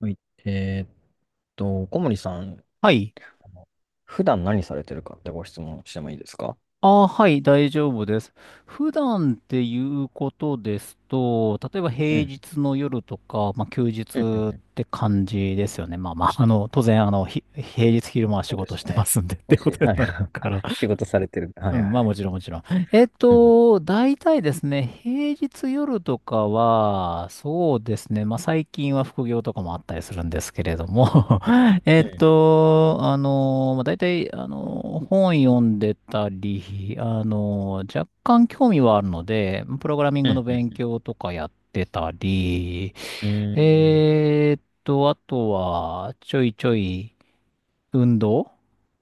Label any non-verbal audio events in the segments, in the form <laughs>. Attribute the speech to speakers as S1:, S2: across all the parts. S1: はい。えーっ小森さん、
S2: はい。
S1: あの普段何されてるかってご質問してもいいですか？
S2: ああ、はい、大丈夫です。普段っていうことですと、例えば
S1: う
S2: 平
S1: ん。
S2: 日の夜とか、まあ、休日
S1: うんうん
S2: っ
S1: うん。
S2: て感じですよね。まあまあ、当然、平日昼間は仕
S1: そうで
S2: 事
S1: す
S2: して
S1: ね。
S2: ますんでって
S1: も
S2: こ
S1: し、
S2: とに
S1: はい。
S2: なる
S1: <laughs>
S2: から。
S1: 仕事されてる。は
S2: う
S1: い
S2: ん、
S1: はい
S2: まあ
S1: は
S2: も
S1: い。
S2: ちろんもちろん。
S1: うんう
S2: 大体ですね、平日夜とかは、そうですね、まあ最近は副業とかもあったりするんですけれども。 <laughs>
S1: ん
S2: まあ大体、本読んでたり、若干興味はあるので、プログラミン
S1: う
S2: グの
S1: ん
S2: 勉
S1: う
S2: 強とかやってたり、
S1: んうん。うーん。
S2: あとは、ちょいちょい運動。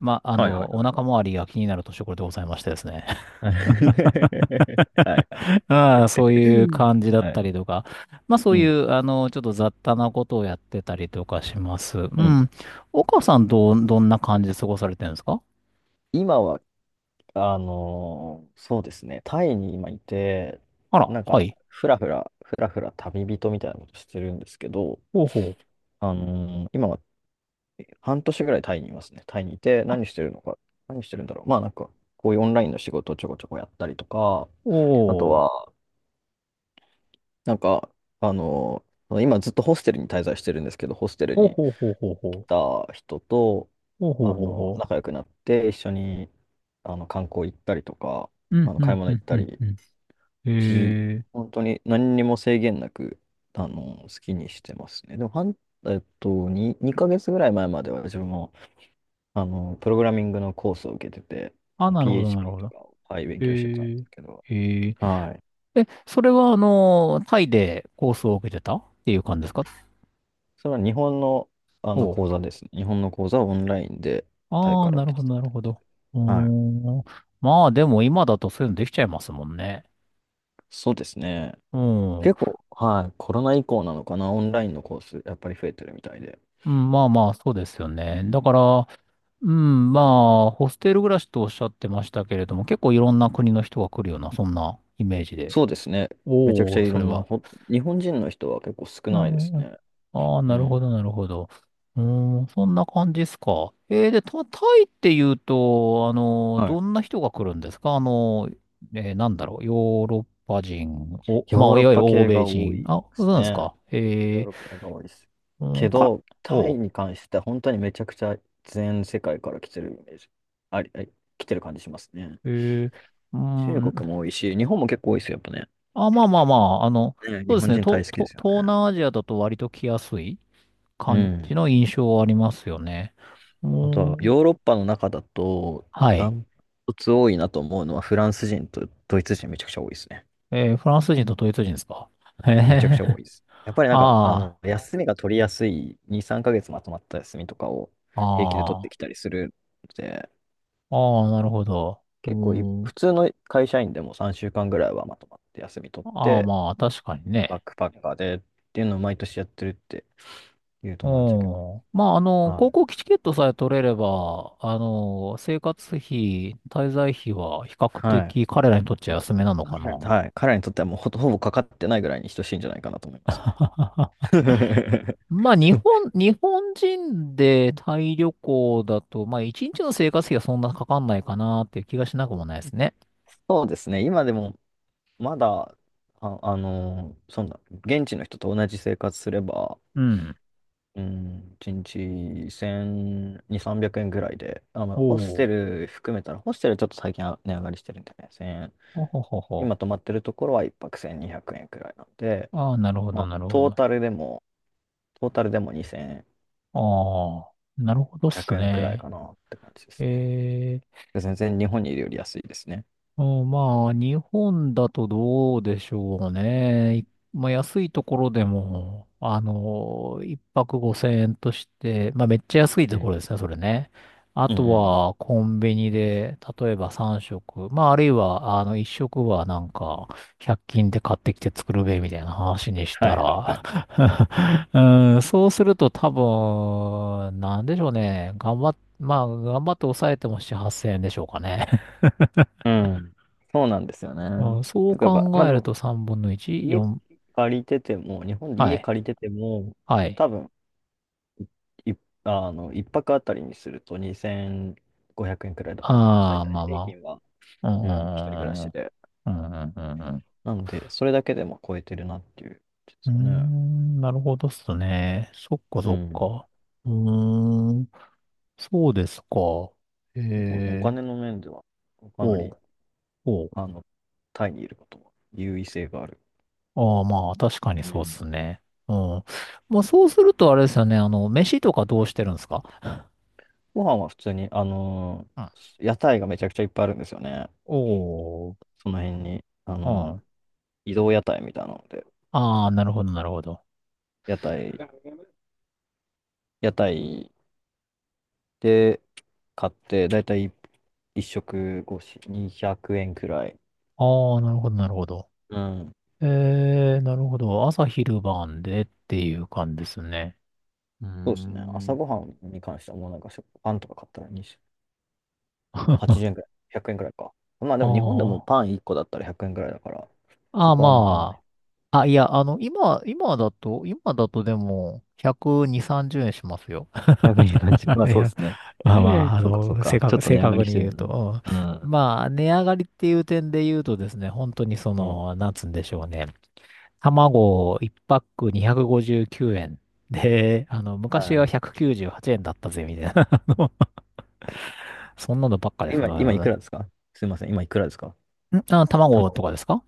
S2: まあ、
S1: はいはいはい
S2: お腹
S1: はい。
S2: 周りが気になる年頃でございましてですね。
S1: <laughs> はいはい。
S2: <laughs> ああ、そういう感じだっ
S1: は
S2: た
S1: い。
S2: りとか。まあそ
S1: う
S2: うい
S1: ん。
S2: う、ちょっと雑多なことをやってたりとかします。う
S1: うん。
S2: ん。岡さん、どんな感じで過ごされてるんですか？
S1: 今は、そうですね。タイに今いて、
S2: あら、
S1: なん
S2: は
S1: か、
S2: い。
S1: ふらふら旅人みたいなことしてるんですけど、
S2: ほうほ
S1: 今半年ぐらいタイにいますね。タイにいて、何してるのか、何してるんだろう。まあなんか、こういうオンラインの仕事をちょこちょこやったりとか、
S2: う。
S1: あと
S2: おー。
S1: は、なんか、あの、今ずっとホステルに滞在してるんですけど、ホステル
S2: ほう
S1: に
S2: ほうほうほう
S1: 来
S2: ほう。
S1: た人と、
S2: ほうほうほうほ
S1: 仲良くなって、一緒に、観光行ったりとか、
S2: う。うん、う
S1: 買い
S2: ん、
S1: 物
S2: う
S1: 行
S2: ん、
S1: っ
S2: う
S1: た
S2: ん、
S1: り、
S2: うん。
S1: じ、
S2: えー。
S1: 本当に何にも制限なく、好きにしてますね。でも、半えっと、2ヶ月ぐらい前までは自分もプログラミングのコースを受けてて、
S2: あ、なるほど、なる
S1: PHP
S2: ほ
S1: と
S2: ど。
S1: かを、はい、勉
S2: え
S1: 強してたんで
S2: ー。
S1: すけど、
S2: えー。
S1: はい。
S2: え、それは、タイでコースを受けてたっていう感じですか？
S1: それは日本の、
S2: お、
S1: 講座ですね。日本の講座はオンラインでタイ
S2: ああ、
S1: から
S2: なる
S1: 来
S2: ほ
S1: てた
S2: ど、
S1: っ
S2: なる
S1: て感
S2: ほ
S1: じで。
S2: ど。うー
S1: はい。
S2: ん。まあ、でも今だとそういうのできちゃいますもんね。
S1: そうですね。
S2: うん。う
S1: 結構、はい、コロナ以降なのかな、オンラインのコース、やっぱり増えてるみたいで。
S2: ん、まあまあ、そうですよ
S1: う
S2: ね。だ
S1: ん、
S2: から、うん、まあ、ホステル暮らしとおっしゃってましたけれども、結構いろんな国の人が来るような、そんなイメージで。
S1: そうですね。めちゃく
S2: お
S1: ちゃ
S2: お、
S1: い
S2: そ
S1: ろ
S2: れ
S1: んな、
S2: は。
S1: 日本人の人は結構少
S2: う
S1: な
S2: ん
S1: いで
S2: うん
S1: す
S2: うん。
S1: ね。
S2: ああ、
S1: う
S2: なる
S1: ん。
S2: ほど、なるほど。うーん、そんな感じですか。えー、で、タイって言うと、
S1: は
S2: どん
S1: い。
S2: な人が来るんですか？なんだろう、ヨーロッパ人、お、まあ、
S1: ヨーロ
S2: い
S1: ッ
S2: わゆる
S1: パ
S2: 欧
S1: 系
S2: 米
S1: が多
S2: 人。
S1: いで
S2: あ、そう
S1: す
S2: なんです
S1: ね。
S2: か。
S1: ヨー
S2: え
S1: ロッパ圏が多いです。
S2: ー、う
S1: け
S2: ん、か、
S1: ど、タ
S2: お
S1: イ
S2: う、
S1: に関しては本当にめちゃくちゃ全世界から来てるイメージ。あり、あり、来てる感じしますね。
S2: えー、う
S1: 中
S2: ん、
S1: 国も多いし、日本も結構多いですよ、やっぱね。
S2: あ、まあまあまあ、
S1: ね、
S2: そ
S1: 日
S2: うです
S1: 本
S2: ね、
S1: 人大好きですよね。
S2: 東南アジアだと割と来やすい
S1: う
S2: 感じ
S1: ん。
S2: の印象はありますよね。う
S1: あとは、
S2: ーん、
S1: ヨーロッパの中だと、
S2: は
S1: ダ
S2: い。
S1: ントツ多いなと思うのは、フランス人とドイツ人めちゃくちゃ多いですね。
S2: えー、フランス人とドイツ人ですか？ <laughs> へ
S1: めちゃくちゃ
S2: え、
S1: 多いです。やっぱりなんか、
S2: あ
S1: 休みが取りやすい、2、3ヶ月まとまった休みとかを
S2: あ、
S1: 平気で取
S2: あ
S1: って
S2: あ、
S1: きたりするので、
S2: ああ、なるほど。う
S1: 結構い、
S2: ーん。
S1: 普通の会社員でも3週間ぐらいはまとまって休み取っ
S2: ああ、
S1: て、
S2: まあ、確かに
S1: バッ
S2: ね。
S1: クパッカーでっていうのを毎年やってるっていう
S2: う
S1: 友達は結構い
S2: ん。まあ、
S1: ま
S2: 航
S1: す。
S2: 空機チケットさえ取れれば、生活費、滞在費は比較
S1: はい。は
S2: 的
S1: い。
S2: 彼らにとっちゃ安めなのか
S1: 彼らに
S2: な。
S1: はい。彼らにとってはもうほぼかかってないぐらいに等しいんじゃないかなと思いますね。
S2: <laughs>
S1: <laughs>
S2: まあ、日本人でタイ旅行だと、まあ、一日の生活費はそんなかかんないかなっていう気がしなくもないですね。
S1: そうですね。今でも、まだ、あ、あのーそんな、現地の人と同じ生活すれば、
S2: うん。
S1: うん、1日1200、300円ぐらいで、あ、まあ、
S2: お
S1: ホステ
S2: お。
S1: ル含めたら、ホステルちょっと最近は値上がりしてるんでね、1000円。
S2: ほほほほ、
S1: 今泊まってるところは一泊1200円くえんくらいなんで、
S2: ああ、なるほ
S1: ま
S2: ど、
S1: あ、
S2: なるほど。あ
S1: トータルでも2500
S2: あ、なるほどっす
S1: 円くえんくらい
S2: ね。
S1: かなって感じですね。
S2: え、
S1: 全然日本にいるより安いですね。
S2: うん、まあ、日本だとどうでしょうね。い、まあ、安いところでも、一泊5000円として、まあ、めっちゃ安い
S1: う
S2: とこ
S1: ん。
S2: ろですね、それね。あ
S1: うんう
S2: と
S1: んうん。
S2: は、コンビニで、例えば3食、まあ、あるいは、1食はなんか、100均で買ってきて作るべ、みたいな話にし
S1: は
S2: た
S1: いはいはい
S2: ら、
S1: はい。
S2: <laughs> うん、そうすると多分、なんでしょうね。頑張っ、まあ、頑張って抑えても7、8000円でしょうかね。
S1: うん。そうなんですよね。
S2: あ、そ
S1: と
S2: う
S1: かば、ま
S2: 考
S1: あ
S2: え
S1: で
S2: る
S1: も、
S2: と3分の1、
S1: 家
S2: 4、
S1: 借りてても、日本で
S2: は
S1: 家
S2: い、
S1: 借りてても、
S2: はい。
S1: 多分、い、あの、一泊あたりにすると2500円くえんくらいだと思う。大
S2: ああ、
S1: 体
S2: まあ
S1: 平
S2: ま
S1: 均は。
S2: あ。う
S1: うん、一人暮ら
S2: ん、う
S1: し
S2: ん、
S1: で。
S2: うん、うん。うん、う
S1: なので、それだけでも超えてるなっていう、で
S2: ー
S1: すかね。
S2: ん、なるほどっすね。そっか
S1: う
S2: そっ
S1: ん。
S2: か。うーん、そうですか。え、
S1: 結構お
S2: え、
S1: 金の面では、かな
S2: お
S1: り、
S2: う、おう。
S1: あの、タイにいることは優位性がある。
S2: ああ、まあ、確かに
S1: う
S2: そうっ
S1: ん。
S2: すね。うん。まあ、そうするとあれですよね。飯とかどうしてるんですか？
S1: ご飯は普通に、
S2: うん。
S1: 屋台がめちゃくちゃいっぱいあるんですよね。
S2: おお、
S1: その辺に、
S2: うん。
S1: 移動屋台みたいなので、
S2: ああ、なるほど、なるほど。
S1: 屋台、屋台で買って、だいたい1食越し200円くえんくらい。
S2: ああ、なるほど、なるほど。
S1: うん。
S2: えー、なるほど。朝昼晩でっていう感じですね。うー
S1: そうですね。朝
S2: ん。
S1: ごはんに関してはもうなんかパンとか買ったらに
S2: <laughs> あ
S1: 80円くらい、100円くえんくらいか。まあでも日本でも
S2: あ。
S1: パン1個だったら100円くえんくらいだから、そ
S2: ああ、
S1: こはあんま変わんな
S2: ま
S1: い。
S2: あ。あ、いや、今だと、今だとでも、120、30円しますよ。
S1: <laughs> 100円っ感じ。
S2: <laughs>
S1: まあ
S2: い
S1: そうで
S2: や、
S1: すね。
S2: まあまあ、
S1: <laughs> そうかそうか。ちょっと
S2: 正
S1: 値上が
S2: 確
S1: りし
S2: に
S1: てる
S2: 言う
S1: のね。
S2: と。
S1: う
S2: う
S1: ん。
S2: ん、まあ、値上がりっていう点で言うとですね、本当にそ
S1: うん。
S2: の、なんつうんでしょうね。卵1パック259円。で、昔は
S1: は
S2: 198円だったぜ、みたいな。<laughs> そんなのばっかで
S1: い。
S2: す。
S1: 今いく
S2: 我、
S1: らですか？すいません。今いくらですか？
S2: ね。んあ、卵
S1: 卵。
S2: とかですか？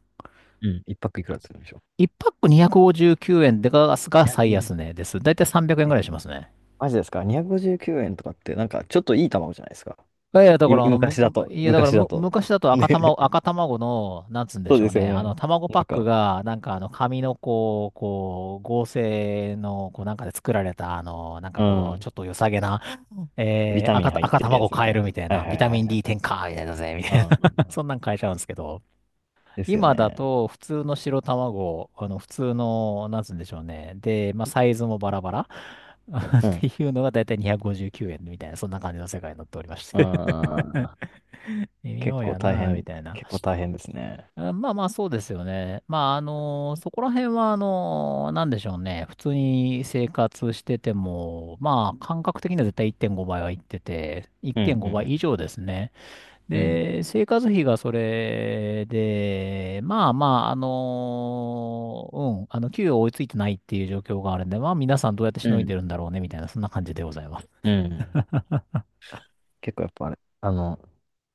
S1: うん。いくらするんでしょ
S2: 1 パック259円で
S1: う。
S2: ガスが最
S1: 259
S2: 安値です。だいたい300円
S1: 円。
S2: ぐ
S1: え、
S2: らいしますね。
S1: マジですか？ 259 円とかって、なんかちょっといい卵じゃないですか。
S2: いやいや、だからあの、
S1: 昔だ
S2: む
S1: と。
S2: いや、だから
S1: 昔だ
S2: む、
S1: と。
S2: 昔だと
S1: ね。<laughs>
S2: 赤卵の、なんつうんで
S1: そう
S2: しょ
S1: で
S2: う
S1: すよ
S2: ね。
S1: ね。
S2: 卵
S1: な
S2: パッ
S1: ん
S2: ク
S1: か、
S2: が、紙のこう、こう、合成の、こう、なんかで作られた、なんか
S1: う
S2: こう、
S1: ん。
S2: ちょっと良さげな、
S1: ビ
S2: え
S1: タ
S2: ー、
S1: ミン入っ
S2: 赤
S1: てるや
S2: 卵
S1: つみ
S2: 買
S1: た
S2: え
S1: いな。
S2: るみたい
S1: は
S2: な、
S1: いはい
S2: ビ
S1: は
S2: タミ
S1: い
S2: ン
S1: は
S2: D
S1: い。
S2: 添加みたいだぜ、み
S1: う
S2: た
S1: ん
S2: い
S1: うんう
S2: な。<laughs>
S1: ん。
S2: そんなん買えちゃうんですけど。
S1: ですよ
S2: 今だ
S1: ね。
S2: と普通の白卵、あの普通の、なんつうんでしょうね。で、まあサイズもバラバラ <laughs>
S1: う
S2: っ
S1: ん。
S2: ていうのがだいたい259円みたいな、そんな感じの世界になっておりまして。 <laughs>
S1: ああ、
S2: 微
S1: 結
S2: 妙
S1: 構
S2: や
S1: 大
S2: なみ
S1: 変、
S2: たいな。
S1: 結構大変ですね。
S2: あ、まあまあ、そうですよね。まあ、あのそこら辺は、あのなんでしょうね。普通に生活してても、まあ、感覚的には絶対1.5倍はいってて、
S1: うん、う
S2: 1.5倍以
S1: ん、
S2: 上ですね。
S1: うん。
S2: で、生活費がそれで、まあまあ、あのー、うん、給与追いついてないっていう状況があるんで、まあ皆さんどうやってし
S1: う
S2: のい
S1: ん、
S2: でるんだろうね、みたいな、そんな感じでございます。
S1: うん。うん。結構やっぱあれ、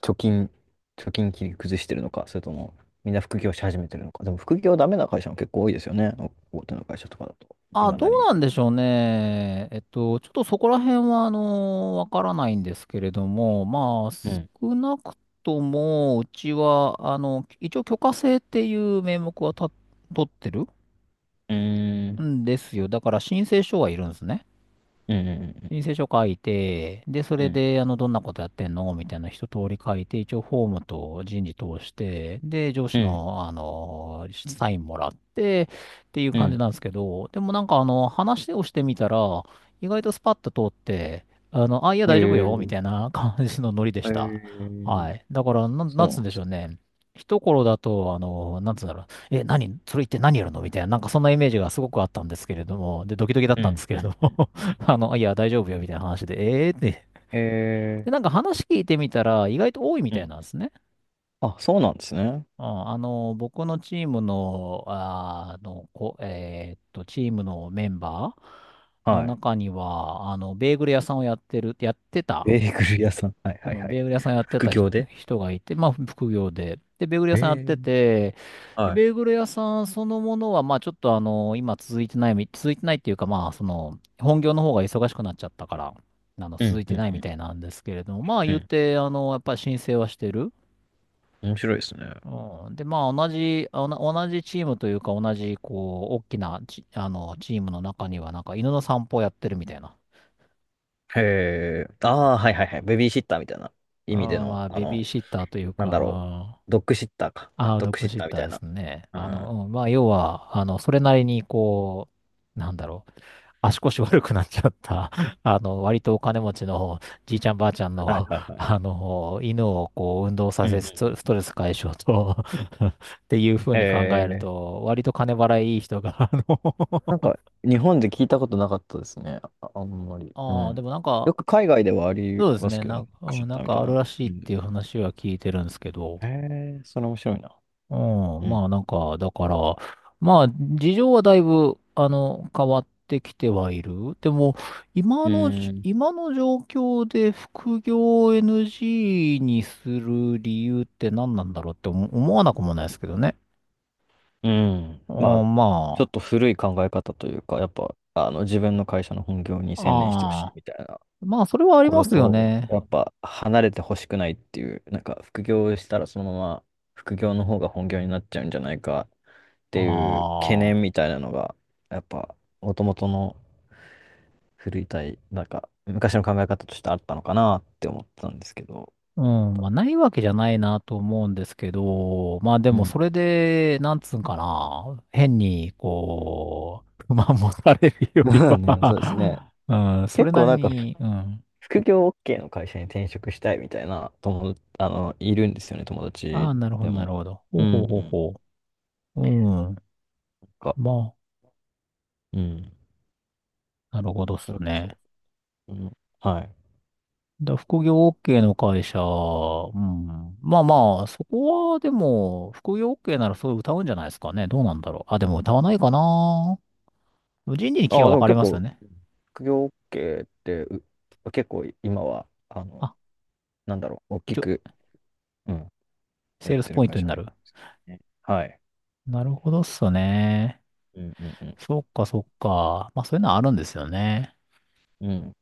S1: 貯金、貯金切り崩してるのか、それとも、みんな副業し始めてるのか。でも副業ダメな会社も結構多いですよね。大手の会社とかだと、い
S2: あ、
S1: ま
S2: どう
S1: だに。
S2: なんでしょうね。ちょっとそこら辺は、あのーわからないんですけれども、まあ、
S1: うん。
S2: 少なくとも、うちは、一応許可制っていう名目は取ってる
S1: うーん。
S2: んですよ。だから申請書はいるんですね。
S1: うん、うん、
S2: 申請書書いて、で、そ
S1: う
S2: れ
S1: ん、
S2: で、どんなことやってんのみたいな一通り書いて、一応フォームと人事通して、で、上
S1: う
S2: 司
S1: ん、
S2: の、サインもらって、っていう
S1: う
S2: 感じ
S1: ん。
S2: なんですけど、でもなんか、話をしてみたら、意外とスパッと通って、あ、いや、
S1: うん。
S2: 大丈夫よ、みた
S1: え
S2: いな感じのノリでし
S1: ー、
S2: た。
S1: えー、
S2: はい。だから、
S1: そ
S2: な
S1: う
S2: ん
S1: な
S2: つ
S1: ん
S2: う
S1: で
S2: んでし
S1: す
S2: ょう
S1: ね。
S2: ね。一頃だと、なんつうんだろう。え、何それ言って何やるのみたいな、なんかそんなイメージがすごくあったんですけれども、で、ドキドキだっ
S1: う
S2: たんで
S1: ん、
S2: すけ
S1: う
S2: れ
S1: ん、
S2: ど
S1: うん、
S2: も。
S1: うん。
S2: <laughs> いや、大丈夫よ、みたいな話で、えーって。で、なん
S1: え
S2: か話聞いてみたら、意外と多いみ
S1: ー、う
S2: たい
S1: ん。
S2: なんですね。
S1: あ、そうなんですね。
S2: うん、僕のチームの、あーあの、こ、えーっと、チームのメンバーの
S1: はい。
S2: 中には、ベーグル屋さんをやってる、やってた、
S1: ベーグル屋さん。はい
S2: う
S1: はいは
S2: ん、ベ
S1: い。
S2: ーグル屋さんやって
S1: 副
S2: た
S1: 業で。
S2: 人がいて、まあ、副業で。で、ベーグル屋
S1: え
S2: さんやって
S1: え、
S2: て、で、
S1: はい。
S2: ベーグル屋さんそのものは、まあ、ちょっとあの、今続いてないみ、続いてないっていうか、まあ、その、本業の方が忙しくなっちゃったから、
S1: う
S2: 続
S1: ん
S2: い
S1: う
S2: て
S1: ん
S2: ない
S1: う
S2: み
S1: ん。
S2: たいなんですけれども、まあ、
S1: う
S2: 言っ
S1: ん。
S2: て、やっぱり申請はしてる。
S1: 面白いですね。
S2: うん、で、まあ、同じ、あおな同じチームというか、同じ、こう、大きなチ、あの、チームの中には、なんか、犬の散歩をやってるみたいな。
S1: へえ。ああ、はいはいはい。ベビーシッターみたいな意味で
S2: あー、ま
S1: の、
S2: あ、ベビーシッターという
S1: なんだろう。
S2: か、
S1: ドッグシッターか。
S2: ああ、
S1: ドッ
S2: ドッ
S1: グ
S2: グ
S1: シッ
S2: シッ
S1: ターみ
S2: ター
S1: たい
S2: で
S1: な。
S2: すね。
S1: うん。は
S2: うん、まあ、要は、それなりに、こう、なんだろう、足腰悪くなっちゃった、<laughs> 割とお金持ちのじいちゃんばあちゃんの、
S1: いはい
S2: <laughs>
S1: はい。
S2: 犬をこう、運動
S1: う
S2: さ
S1: んう
S2: せ、
S1: ん
S2: スト
S1: う
S2: ス
S1: んう
S2: ト
S1: ん。
S2: レス解消と <laughs> っていうふうに考
S1: へ
S2: える
S1: え。
S2: と、割と金払いいい人が、あの。
S1: なんか、日本で聞いたことなかったですね。あ、あんま
S2: <laughs>
S1: り。う
S2: ああ、で
S1: ん。
S2: もなんか、
S1: よく海外ではあり
S2: そうです
S1: ます
S2: ね、
S1: けど
S2: な
S1: ね。
S2: ん
S1: ドッ
S2: か、
S1: グシ
S2: うん、
S1: ッ
S2: なん
S1: ターみ
S2: か
S1: たい
S2: ある
S1: な。
S2: らし
S1: う
S2: いってい
S1: ん。
S2: う話は聞いてるんですけど、
S1: へえ、それ面白いな。
S2: うん、
S1: うん。
S2: まあなんか、だから、まあ事情はだいぶ、変わってきてはいる。でも、今
S1: う
S2: の
S1: ん。
S2: 今の状況で副業を NG にする理由って何なんだろうって思わなくもないですけどね。
S1: うん。
S2: う
S1: まあ、
S2: ん、
S1: ちょ
S2: ま
S1: っと古い考え方というか、やっぱ、自分の会社の本業に
S2: あ、
S1: 専念してほしい
S2: ああ、
S1: みたいな
S2: まあそれは
S1: と
S2: あり
S1: こ
S2: ま
S1: ろ
S2: すよ
S1: と、
S2: ね。
S1: やっぱ、離れてほしくないっていう、なんか、副業したらそのまま、副業の方が本業になっちゃうんじゃないかっていう懸
S2: あ
S1: 念
S2: あ。
S1: みたいなのが、やっぱ、もともとの古い体、なんか、昔の考え方としてあったのかなって思ったんですけど、
S2: う
S1: どうなん
S2: ん、
S1: だ
S2: まあ、
S1: ろ
S2: ないわけじゃないなと思うんですけど、まあで
S1: う。う
S2: も
S1: ん。
S2: そ
S1: <laughs>
S2: れで、なんつうんかな、変に、こう、<laughs> 不満持たれるより
S1: まあね、そうですね。
S2: は <laughs> うん、それ
S1: 結
S2: な
S1: 構
S2: り
S1: なんか
S2: に、うん。
S1: 副業 OK の会社に転職したいみたいな友達、いるんですよね、友
S2: あ
S1: 達
S2: あ、なるほ
S1: で
S2: ど、なる
S1: も。
S2: ほど。
S1: う
S2: ほう
S1: ん。な
S2: ほうほう
S1: ん
S2: ほう。うん。
S1: か、
S2: ま
S1: うん。
S2: あ、なるほどっす
S1: それこ
S2: ね。
S1: そ。うん。はい。
S2: だ副業 OK の会社、うん。まあまあ、そこはでも、副業 OK ならそう歌うんじゃないですかね。どうなんだろう。あ、でも歌わないかな。人事に気
S1: あ
S2: が
S1: あ、で
S2: 分
S1: も
S2: かれ
S1: 結
S2: ますよ
S1: 構、
S2: ね。
S1: 副業 OK って、結構今は、
S2: あ、
S1: なんだろう、大き
S2: 一応
S1: く、うん、や
S2: セ
S1: っ
S2: ールス
S1: てる
S2: ポイン
S1: 会
S2: ト
S1: 社
S2: に
S1: なん
S2: な
S1: で
S2: る。
S1: すね。はい。
S2: なるほどっすね。
S1: うんうんうん
S2: そっかそっか。まあそういうのはあるんですよね。
S1: うん。